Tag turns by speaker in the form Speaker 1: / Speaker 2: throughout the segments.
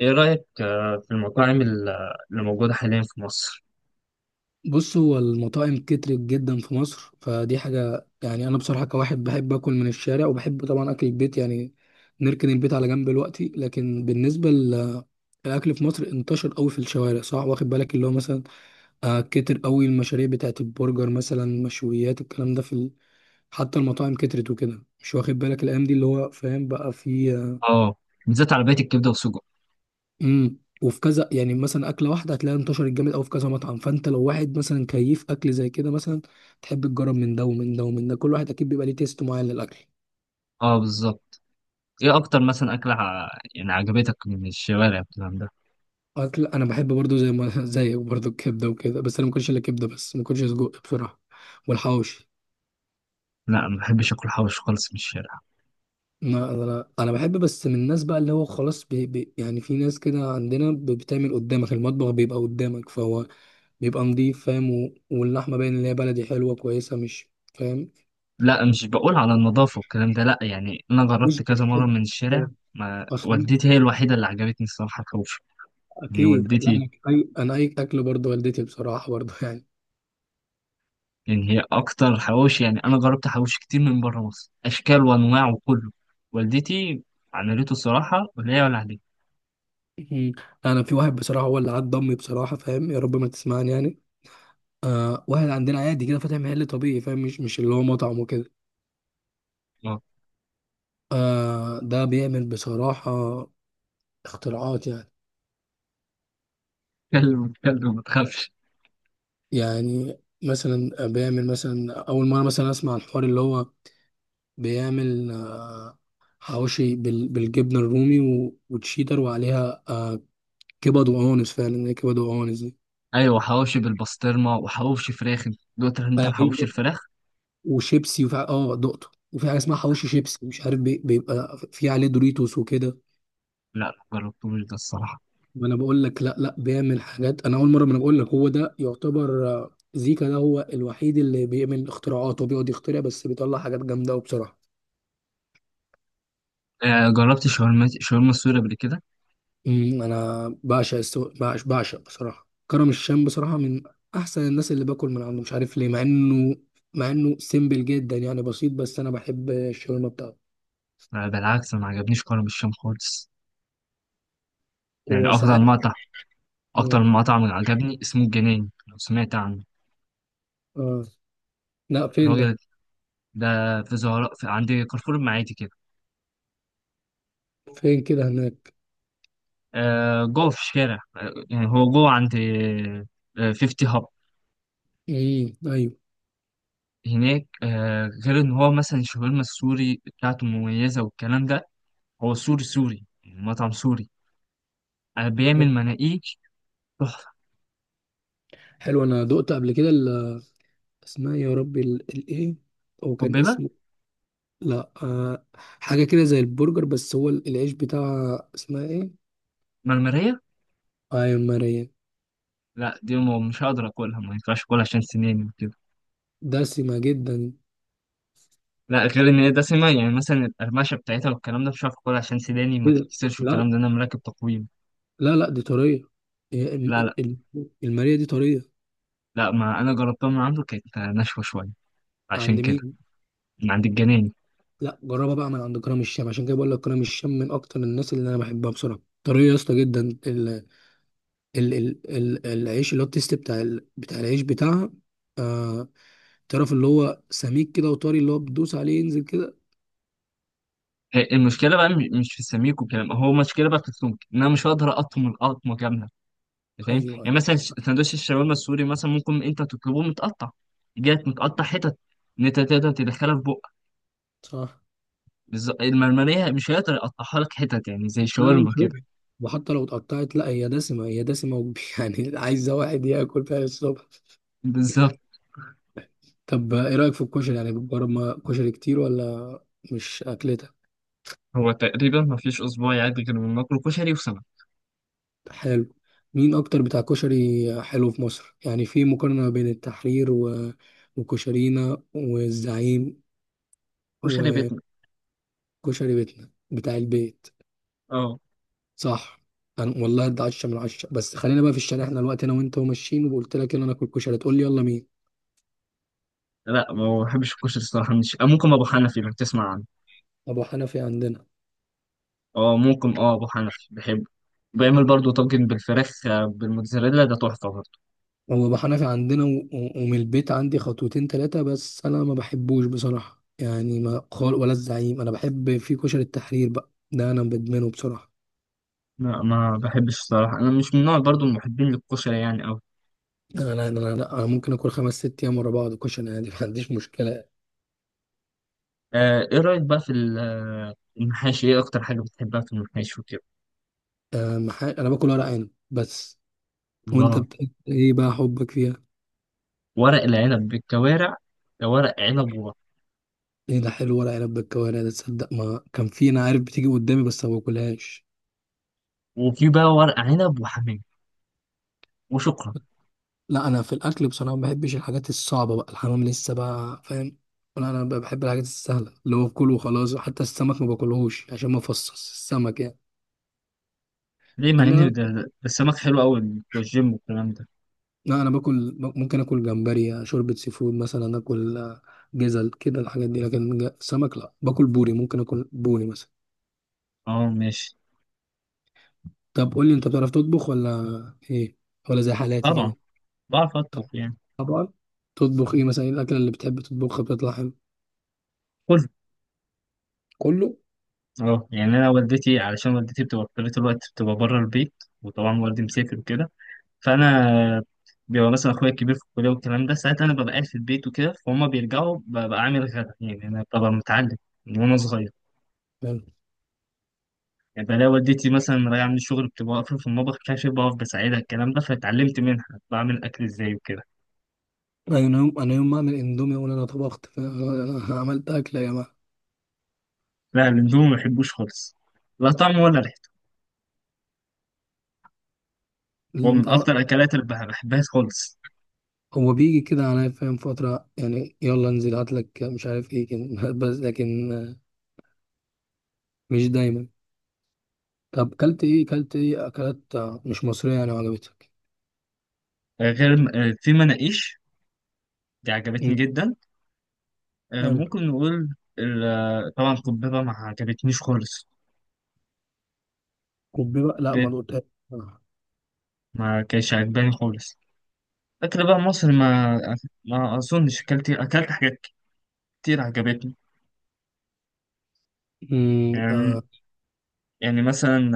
Speaker 1: ايه رأيك في المطاعم اللي موجودة حاليا في مصر؟
Speaker 2: بص، هو المطاعم كترت جدا في مصر، فدي حاجة، يعني أنا بصراحة كواحد بحب أكل من الشارع وبحب طبعا أكل البيت. يعني نركن البيت على جنب دلوقتي، لكن بالنسبة للأكل في مصر انتشر قوي في الشوارع، صح؟ واخد بالك اللي هو مثلا كتر قوي المشاريع بتاعت البرجر، مثلا مشويات، الكلام ده في حتى المطاعم كترت وكده، مش واخد بالك الأيام دي؟ اللي هو فاهم بقى في،
Speaker 1: اه، بالذات عربية الكبدة والسجق.
Speaker 2: وفي كذا، يعني مثلا اكله واحده هتلاقيها انتشرت جامد، او في كذا مطعم. فانت لو واحد مثلا كيف اكل زي كده، مثلا تحب تجرب من ده ومن ده ومن ده، كل واحد اكيد بيبقى ليه تيست معين للاكل.
Speaker 1: اه بالظبط. ايه اكتر مثلا اكلة يعني عجبتك من الشوارع والكلام ده؟
Speaker 2: اكل، انا بحب برضو زي ما زيك، برضو الكبده وكده، بس انا ما باكلش الا كبده، بس ما باكلش سجق بصراحه والحواوشي.
Speaker 1: لا، ما بحبش اكل حوش خالص من الشارع.
Speaker 2: ما انا بحب بس من الناس بقى، اللي هو خلاص بي بي يعني، في ناس كده عندنا بتعمل قدامك، المطبخ بيبقى قدامك، فهو بيبقى نضيف، فاهم؟ واللحمه باين ان هي بلدي حلوه كويسه، مش فاهم؟
Speaker 1: لا، مش بقول على النظافة والكلام ده، لا، يعني انا
Speaker 2: مش
Speaker 1: جربت كذا مرة
Speaker 2: بتحب؟
Speaker 1: من الشارع،
Speaker 2: آه.
Speaker 1: ما
Speaker 2: اصلا،
Speaker 1: والدتي هي الوحيدة اللي عجبتني الصراحة الحوش، يعني
Speaker 2: اكيد لا،
Speaker 1: والدتي،
Speaker 2: انا اي اكل برضه والدتي بصراحه برضه يعني.
Speaker 1: يعني هي اكتر حوش. يعني انا جربت حوش كتير من بره مصر اشكال وانواع وكله، والدتي عملته الصراحة، ولا هي ولا عليه.
Speaker 2: مم. انا في واحد بصراحه هو اللي عض امي، بصراحه، فاهم؟ يا رب ما تسمعني يعني. واحد عندنا عادي كده فاتح محل طبيعي، فاهم؟ مش اللي هو مطعم وكده.
Speaker 1: اه.
Speaker 2: ده بيعمل بصراحه اختراعات، يعني
Speaker 1: كلب كلب، ما تخافش.
Speaker 2: يعني مثلا، بيعمل مثلا اول مره، مثلا اسمع الحوار، اللي هو بيعمل حواوشي بالجبنه الرومي وتشيدر وعليها كبد وقوانص، فعلا هي كبد وقوانص.
Speaker 1: ايوه حواوشي بالبسطرمه وحواوشي فراخ. دوت انت
Speaker 2: دي
Speaker 1: الحواوشي الفراخ.
Speaker 2: وشيبسي، وفي نقطه وفي حاجه اسمها حواوشي شيبسي، مش عارف بيبقى في عليه دوريتوس وكده.
Speaker 1: لا لا، جربتوش ده الصراحه.
Speaker 2: ما انا بقول لك، لا، لا، بيعمل حاجات انا اول مره، ما انا بقول لك هو ده يعتبر، زيكا، ده هو الوحيد اللي بيعمل اختراعات وبيقعد يخترع، بس بيطلع حاجات جامده قوي بصراحه.
Speaker 1: آه جربت شاورما شاورما سوري قبل كده.
Speaker 2: انا بعشق بعشق بصراحه كرم الشام، بصراحه من احسن الناس اللي باكل من عنده، مش عارف ليه، مع انه سيمبل جدا، يعني بسيط، بس انا بحب الشاورما بتاعته.
Speaker 1: آه بالعكس، ما عجبنيش كرم الشام خالص. يعني افضل
Speaker 2: وساعات.
Speaker 1: مقطع، اكتر
Speaker 2: امم،
Speaker 1: مقطع من عجبني اسمه الجنين، لو سمعت عنه.
Speaker 2: اه. لا، فين ده؟
Speaker 1: الراجل ده في زهراء، في عند كارفور المعادي كده.
Speaker 2: فين كده، هناك؟
Speaker 1: آه جوه في الشارع، آه يعني هو جوه عند، آه 50 هاب
Speaker 2: امم، ايوه.
Speaker 1: هناك. آه غير ان هو مثلا الشاورما السوري بتاعته مميزه والكلام ده. هو سوري سوري، يعني مطعم سوري. أنا بيعمل
Speaker 2: حلو.
Speaker 1: مناقيش تحفة.
Speaker 2: حلو، انا دقت قبل كده اسمها يا ربي، الايه، هو كان
Speaker 1: حبيبة.
Speaker 2: اسمه. لا، حاجه كده زي البرجر، بس هو العيش بتاعها اسمها ايه؟
Speaker 1: مرمرية.
Speaker 2: ايوه، ماريا.
Speaker 1: لا دي مش هقدر أكلها، ما ينفعش أكلها عشان سناني وكده.
Speaker 2: دسمه جدا.
Speaker 1: لا، غير إن هي دسمة، يعني مثلا القرمشة بتاعتها والكلام ده مش هعرف أكلها عشان سناني ما
Speaker 2: إيه ده؟
Speaker 1: تتكسرش والكلام
Speaker 2: لا،
Speaker 1: ده، أنا مراكب تقويم.
Speaker 2: لا، لا، دي طريه، هي
Speaker 1: لا لا،
Speaker 2: الماريا دي طريه.
Speaker 1: ما أنا جربتها من عنده، كانت ناشفة شوية عشان
Speaker 2: عند
Speaker 1: كده.
Speaker 2: مين؟
Speaker 1: من عند الجناني.
Speaker 2: لا، جربها بقى من عند كرم الشام، عشان كده بقول لك كرم الشام من اكتر الناس اللي انا بحبها بصراحه، طريه يا اسطى جدا. ال ال ال ال العيش اللي هو التيست بتاع العيش بتاعها، آه، تعرف اللي هو سميك كده وطري، اللي هو بتدوس عليه ينزل كده.
Speaker 1: هي المشكلة بقى مش في السميك والكلام، هو المشكلة بقى في السمك، إن أنا مش هقدر أقطم القطمة كاملة. فاهم
Speaker 2: ايوه
Speaker 1: يعني؟ مثلا سندوتش الشاورما السوري مثلا ممكن انت تطلبه متقطع، جات متقطع حتت، ان انت تقدر تدخلها في بقك.
Speaker 2: صح.
Speaker 1: بالظبط، المرمريه مش هيقدر يقطعها لك حتت يعني زي
Speaker 2: لا، لا
Speaker 1: الشاورما
Speaker 2: مش
Speaker 1: كده.
Speaker 2: ربح، وحتى لو اتقطعت لا، هي دسمة، هي دسمة يعني عايزة واحد ياكل فيها الصبح.
Speaker 1: بالظبط.
Speaker 2: طب، ايه رأيك في الكشري؟ يعني بتجرب كشري كتير، ولا مش اكلتك؟
Speaker 1: هو تقريبا ما فيش اسبوع يعدي غير من ناكله كشري وسمك.
Speaker 2: حلو. مين اكتر بتاع كشري حلو في مصر؟ يعني في مقارنة بين التحرير وكشرينا والزعيم
Speaker 1: كشري بيتنا.
Speaker 2: وكشري بيتنا بتاع البيت،
Speaker 1: اه.
Speaker 2: صح؟ انا والله ده 10/10. بس خلينا بقى في الشارع، احنا الوقت انا وانت وماشيين وقلت لك يلا ناكل كشري، تقول لي يلا مين؟
Speaker 1: لا ما بحبش الكشري الصراحه، مش ممكن ابو حنفي لو تسمع عنه.
Speaker 2: ابو حنفي عندنا.
Speaker 1: اه ممكن، اه ابو حنفي بحبه. بيعمل برضه طاجن بالفراخ بالموتزاريلا، ده تحفه برضه.
Speaker 2: هو ابو حنفي عندنا ومن البيت عندي خطوتين ثلاثه، بس انا ما بحبوش بصراحه، يعني ما خال ولا الزعيم. انا بحب في كشري التحرير، بقى ده انا بدمنه بصراحه.
Speaker 1: لا ما بحبش الصراحه، انا مش من نوع برضه المحبين للكشري يعني.
Speaker 2: انا، لا، أنا ممكن اكل خمس ست ايام ورا بعض كشري عادي ما عنديش مشكله.
Speaker 1: ايه رأيك بقى في المحاشي؟ ايه اكتر حاجة بتحبها في المحاشي وكده؟
Speaker 2: أه، انا باكل ورق عنب بس. وانت
Speaker 1: الله.
Speaker 2: ايه بقى حبك فيها؟
Speaker 1: ورق العنب بالكوارع، ده ورق عنب وبط.
Speaker 2: ايه ده حلو، ورق عنب بالكوارع، ده تصدق ما كان في، انا عارف بتيجي قدامي بس ما باكلهاش.
Speaker 1: وفي بقى ورق عنب وحمام، وشكرا.
Speaker 2: لا انا في الاكل بصراحه ما بحبش الحاجات الصعبه بقى، الحمام لسه بقى، فاهم؟ ولا انا بقى بحب الحاجات السهله اللي هو كله وخلاص، حتى السمك ما باكلهوش عشان ما افصص السمك يعني.
Speaker 1: ليه؟ مع
Speaker 2: انا،
Speaker 1: ان ده ده السمك حلو قوي بتوع الجيم والكلام ده.
Speaker 2: لا، انا باكل، ممكن اكل جمبري شوربه سي فود، مثلا اكل جزل كده الحاجات دي، لكن سمك. لا، باكل بوري، ممكن اكل بوري مثلا.
Speaker 1: اه ماشي.
Speaker 2: طب قول لي، انت بتعرف تطبخ؟ ولا ايه؟ ولا زي حالاتي
Speaker 1: طبعا
Speaker 2: كده؟
Speaker 1: بعرف اطبخ يعني.
Speaker 2: طبعا. تطبخ ايه مثلا؟ ايه الاكله اللي بتحب تطبخها بتطلع حلو؟
Speaker 1: كله.
Speaker 2: كله.
Speaker 1: اه يعني انا والدتي، علشان والدتي بتبقى في طول الوقت بتبقى بره البيت، وطبعا والدي مسافر وكده، فانا بيبقى مثلا اخويا الكبير في الكليه والكلام ده، ساعتها انا ببقى قاعد في البيت وكده، فهم بيرجعوا ببقى عامل غدا. يعني انا ببقى متعلم من وانا صغير،
Speaker 2: حلو.
Speaker 1: يعني بلاقي والدتي مثلا راجعه من الشغل بتبقى واقفه في المطبخ كاشف بقف بساعدها الكلام ده، فاتعلمت منها بعمل اكل ازاي وكده.
Speaker 2: انا يوم ما اعمل اندومي اقول انا طبخت، عملت اكله يا جماعه.
Speaker 1: لا الاندومي ما بحبوش خالص، لا طعم ولا ريحته. هو من
Speaker 2: اه.
Speaker 1: اكتر الاكلات اللي بحبها خالص.
Speaker 2: هو بيجي كده عليا، فاهم؟ فتره يعني يلا انزل هات لك مش عارف ايه كده بس لكن مش دايما. طب، كلت ايه اكلات مش مصريه يعني وعجبتك؟
Speaker 1: آه، غير آه، في مناقيش، دي عجبتني
Speaker 2: مم.
Speaker 1: جدا.
Speaker 2: حلو.
Speaker 1: ممكن نقول طبعا قبيبه ما عجبتنيش خالص.
Speaker 2: كوبي بقى لا، ما
Speaker 1: بيت.
Speaker 2: دقتهاش بصراحة.
Speaker 1: ما كانش عجباني خالص. اكل بقى مصر، ما ما اظنش اكلت، حاجات كتير عجبتني
Speaker 2: مم،
Speaker 1: يعني.
Speaker 2: آه،
Speaker 1: يعني مثلا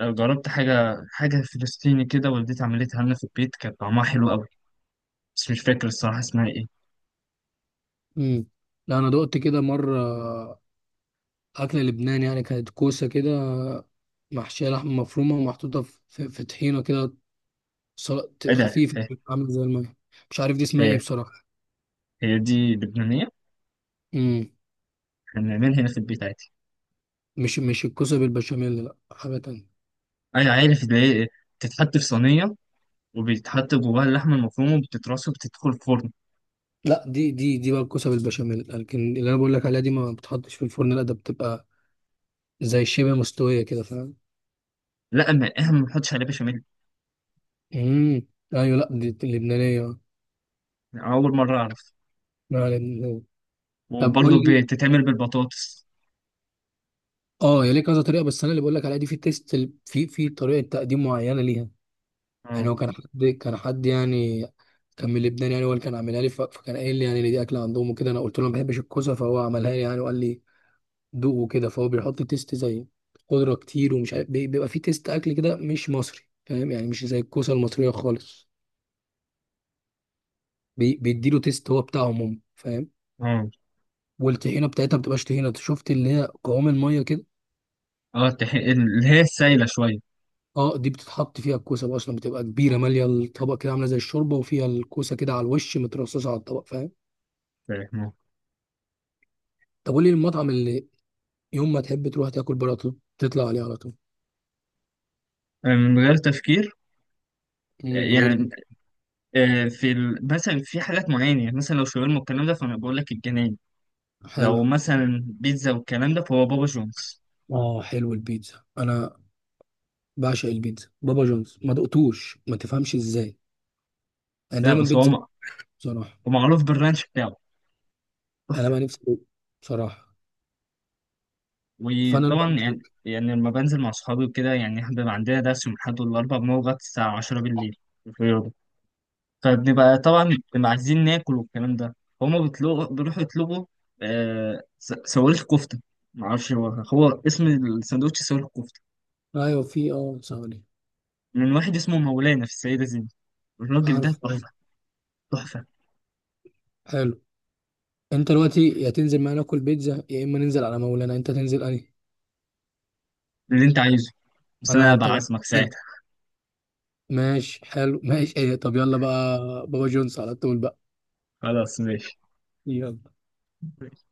Speaker 1: جربت حاجه فلسطيني كده، والدتي عملتها لنا في البيت، كانت طعمها حلو قوي، بس مش فاكر الصراحه اسمها ايه.
Speaker 2: مم. لا، انا دقت كده مره، أكل لبنان، يعني كانت كوسة كده، محشية لحمة مفرومة ومحطوطة في طحينة كده، سلطة
Speaker 1: ايه ده؟
Speaker 2: خفيفة، عاملة زي المية. مش عارف دي اسمها ايه
Speaker 1: هي,
Speaker 2: بصراحة.
Speaker 1: هي دي لبنانيه.
Speaker 2: مم.
Speaker 1: احنا بنعملها هنا في البيت عادي.
Speaker 2: مش الكوسة بالبشاميل، لا حاجة تانية.
Speaker 1: انا عارف اللي هي إيه، بتتحط في صينيه وبيتحط جواها اللحمه المفرومه وبتترص وبتدخل الفرن.
Speaker 2: لا، دي بقى الكوسة بالبشاميل، لكن اللي أنا بقول لك عليها دي ما بتحطش في الفرن، لا ده بتبقى زي شبه مستوية كده، فاهم؟
Speaker 1: لا، ما احنا ما بنحطش عليها بشاميل.
Speaker 2: امم، أيوة. لا دي اللبنانية، آه.
Speaker 1: اول مره اعرف.
Speaker 2: لا، لبنانية. طب قول
Speaker 1: وبرضه
Speaker 2: لي،
Speaker 1: بتتعمل بالبطاطس.
Speaker 2: اه هي ليه كذا طريقة؟ بس أنا اللي بقول لك عليها دي في تيست، في طريقة تقديم معينة ليها. يعني
Speaker 1: اه.
Speaker 2: هو كان حد يعني كان من لبنان، يعني هو اللي كان عاملها لي، فكان قايل لي يعني إن دي اكله عندهم وكده. انا قلت له ما بحبش الكوسه، فهو عملها لي يعني وقال لي دوق وكده. فهو بيحط تيست زي خضره كتير، ومش عارف بيبقى فيه تيست اكل كده مش مصري، فاهم؟ يعني مش زي الكوسه المصريه خالص، بيديله تيست هو بتاعهم هم، فاهم؟
Speaker 1: اه.
Speaker 2: والطحينه بتاعتها ما بتبقاش طحينه، شفت؟ اللي هي قوام الميه كده،
Speaker 1: اللي هي السايله شويه.
Speaker 2: اه، دي بتتحط فيها الكوسه بقى اصلا، بتبقى كبيره ماليه الطبق كده عامله زي الشوربه، وفيها الكوسه كده على الوش مترصصه على الطبق، فاهم؟
Speaker 1: فاهم؟
Speaker 2: طب قول لي، المطعم اللي يوم ما تحب تروح تاكل بره على طول تطلع عليه على طول؟
Speaker 1: من غير تفكير.
Speaker 2: مم،
Speaker 1: آه،
Speaker 2: من غير.
Speaker 1: يعني في مثلا في حاجات معينه، يعني مثلا لو شاورما والكلام ده فانا بقول لك الجنان.
Speaker 2: حلو.
Speaker 1: لو مثلا بيتزا والكلام ده فهو بابا جونز.
Speaker 2: اه حلو، البيتزا انا بعشق البيتزا. بابا جونز ما دقتوش، ما تفهمش ازاي، انا
Speaker 1: لا
Speaker 2: دايما
Speaker 1: بس هو
Speaker 2: بيتزا بصراحه.
Speaker 1: هو معروف بالرانش بتاعه،
Speaker 2: انا
Speaker 1: تحفه.
Speaker 2: بقى نفسي أدوق بصراحه، فانا
Speaker 1: وطبعا
Speaker 2: دلوقتي
Speaker 1: يعني، يعني لما بنزل مع صحابي وكده، يعني احنا بيبقى عندنا درس من الأحد والأربع بنقعد لغاية الساعة 10 بالليل في الرياضة. فبنبقى طبعا بنبقى عايزين ناكل والكلام ده، فهم بيطلبوا بيروحوا يطلبوا صواريخ كفته. معرفش، هو هو اسم الساندوتش صواريخ كفته،
Speaker 2: ايوه، في ثواني.
Speaker 1: من واحد اسمه مولانا في السيدة زينب. الراجل ده
Speaker 2: عارف حلو.
Speaker 1: تحفة، تحفة.
Speaker 2: حلو. انت دلوقتي، يا تنزل معانا ناكل بيتزا، يا اما ننزل على مولانا، انت تنزل انهي؟
Speaker 1: اللي انت عايزه، بس
Speaker 2: انا
Speaker 1: انا
Speaker 2: انت
Speaker 1: بعزمك
Speaker 2: جربت.
Speaker 1: ساعتها.
Speaker 2: ماشي حلو، ماشي ايه، طب يلا بقى، بابا جونز على طول بقى.
Speaker 1: خلاص ماشي.
Speaker 2: يلا.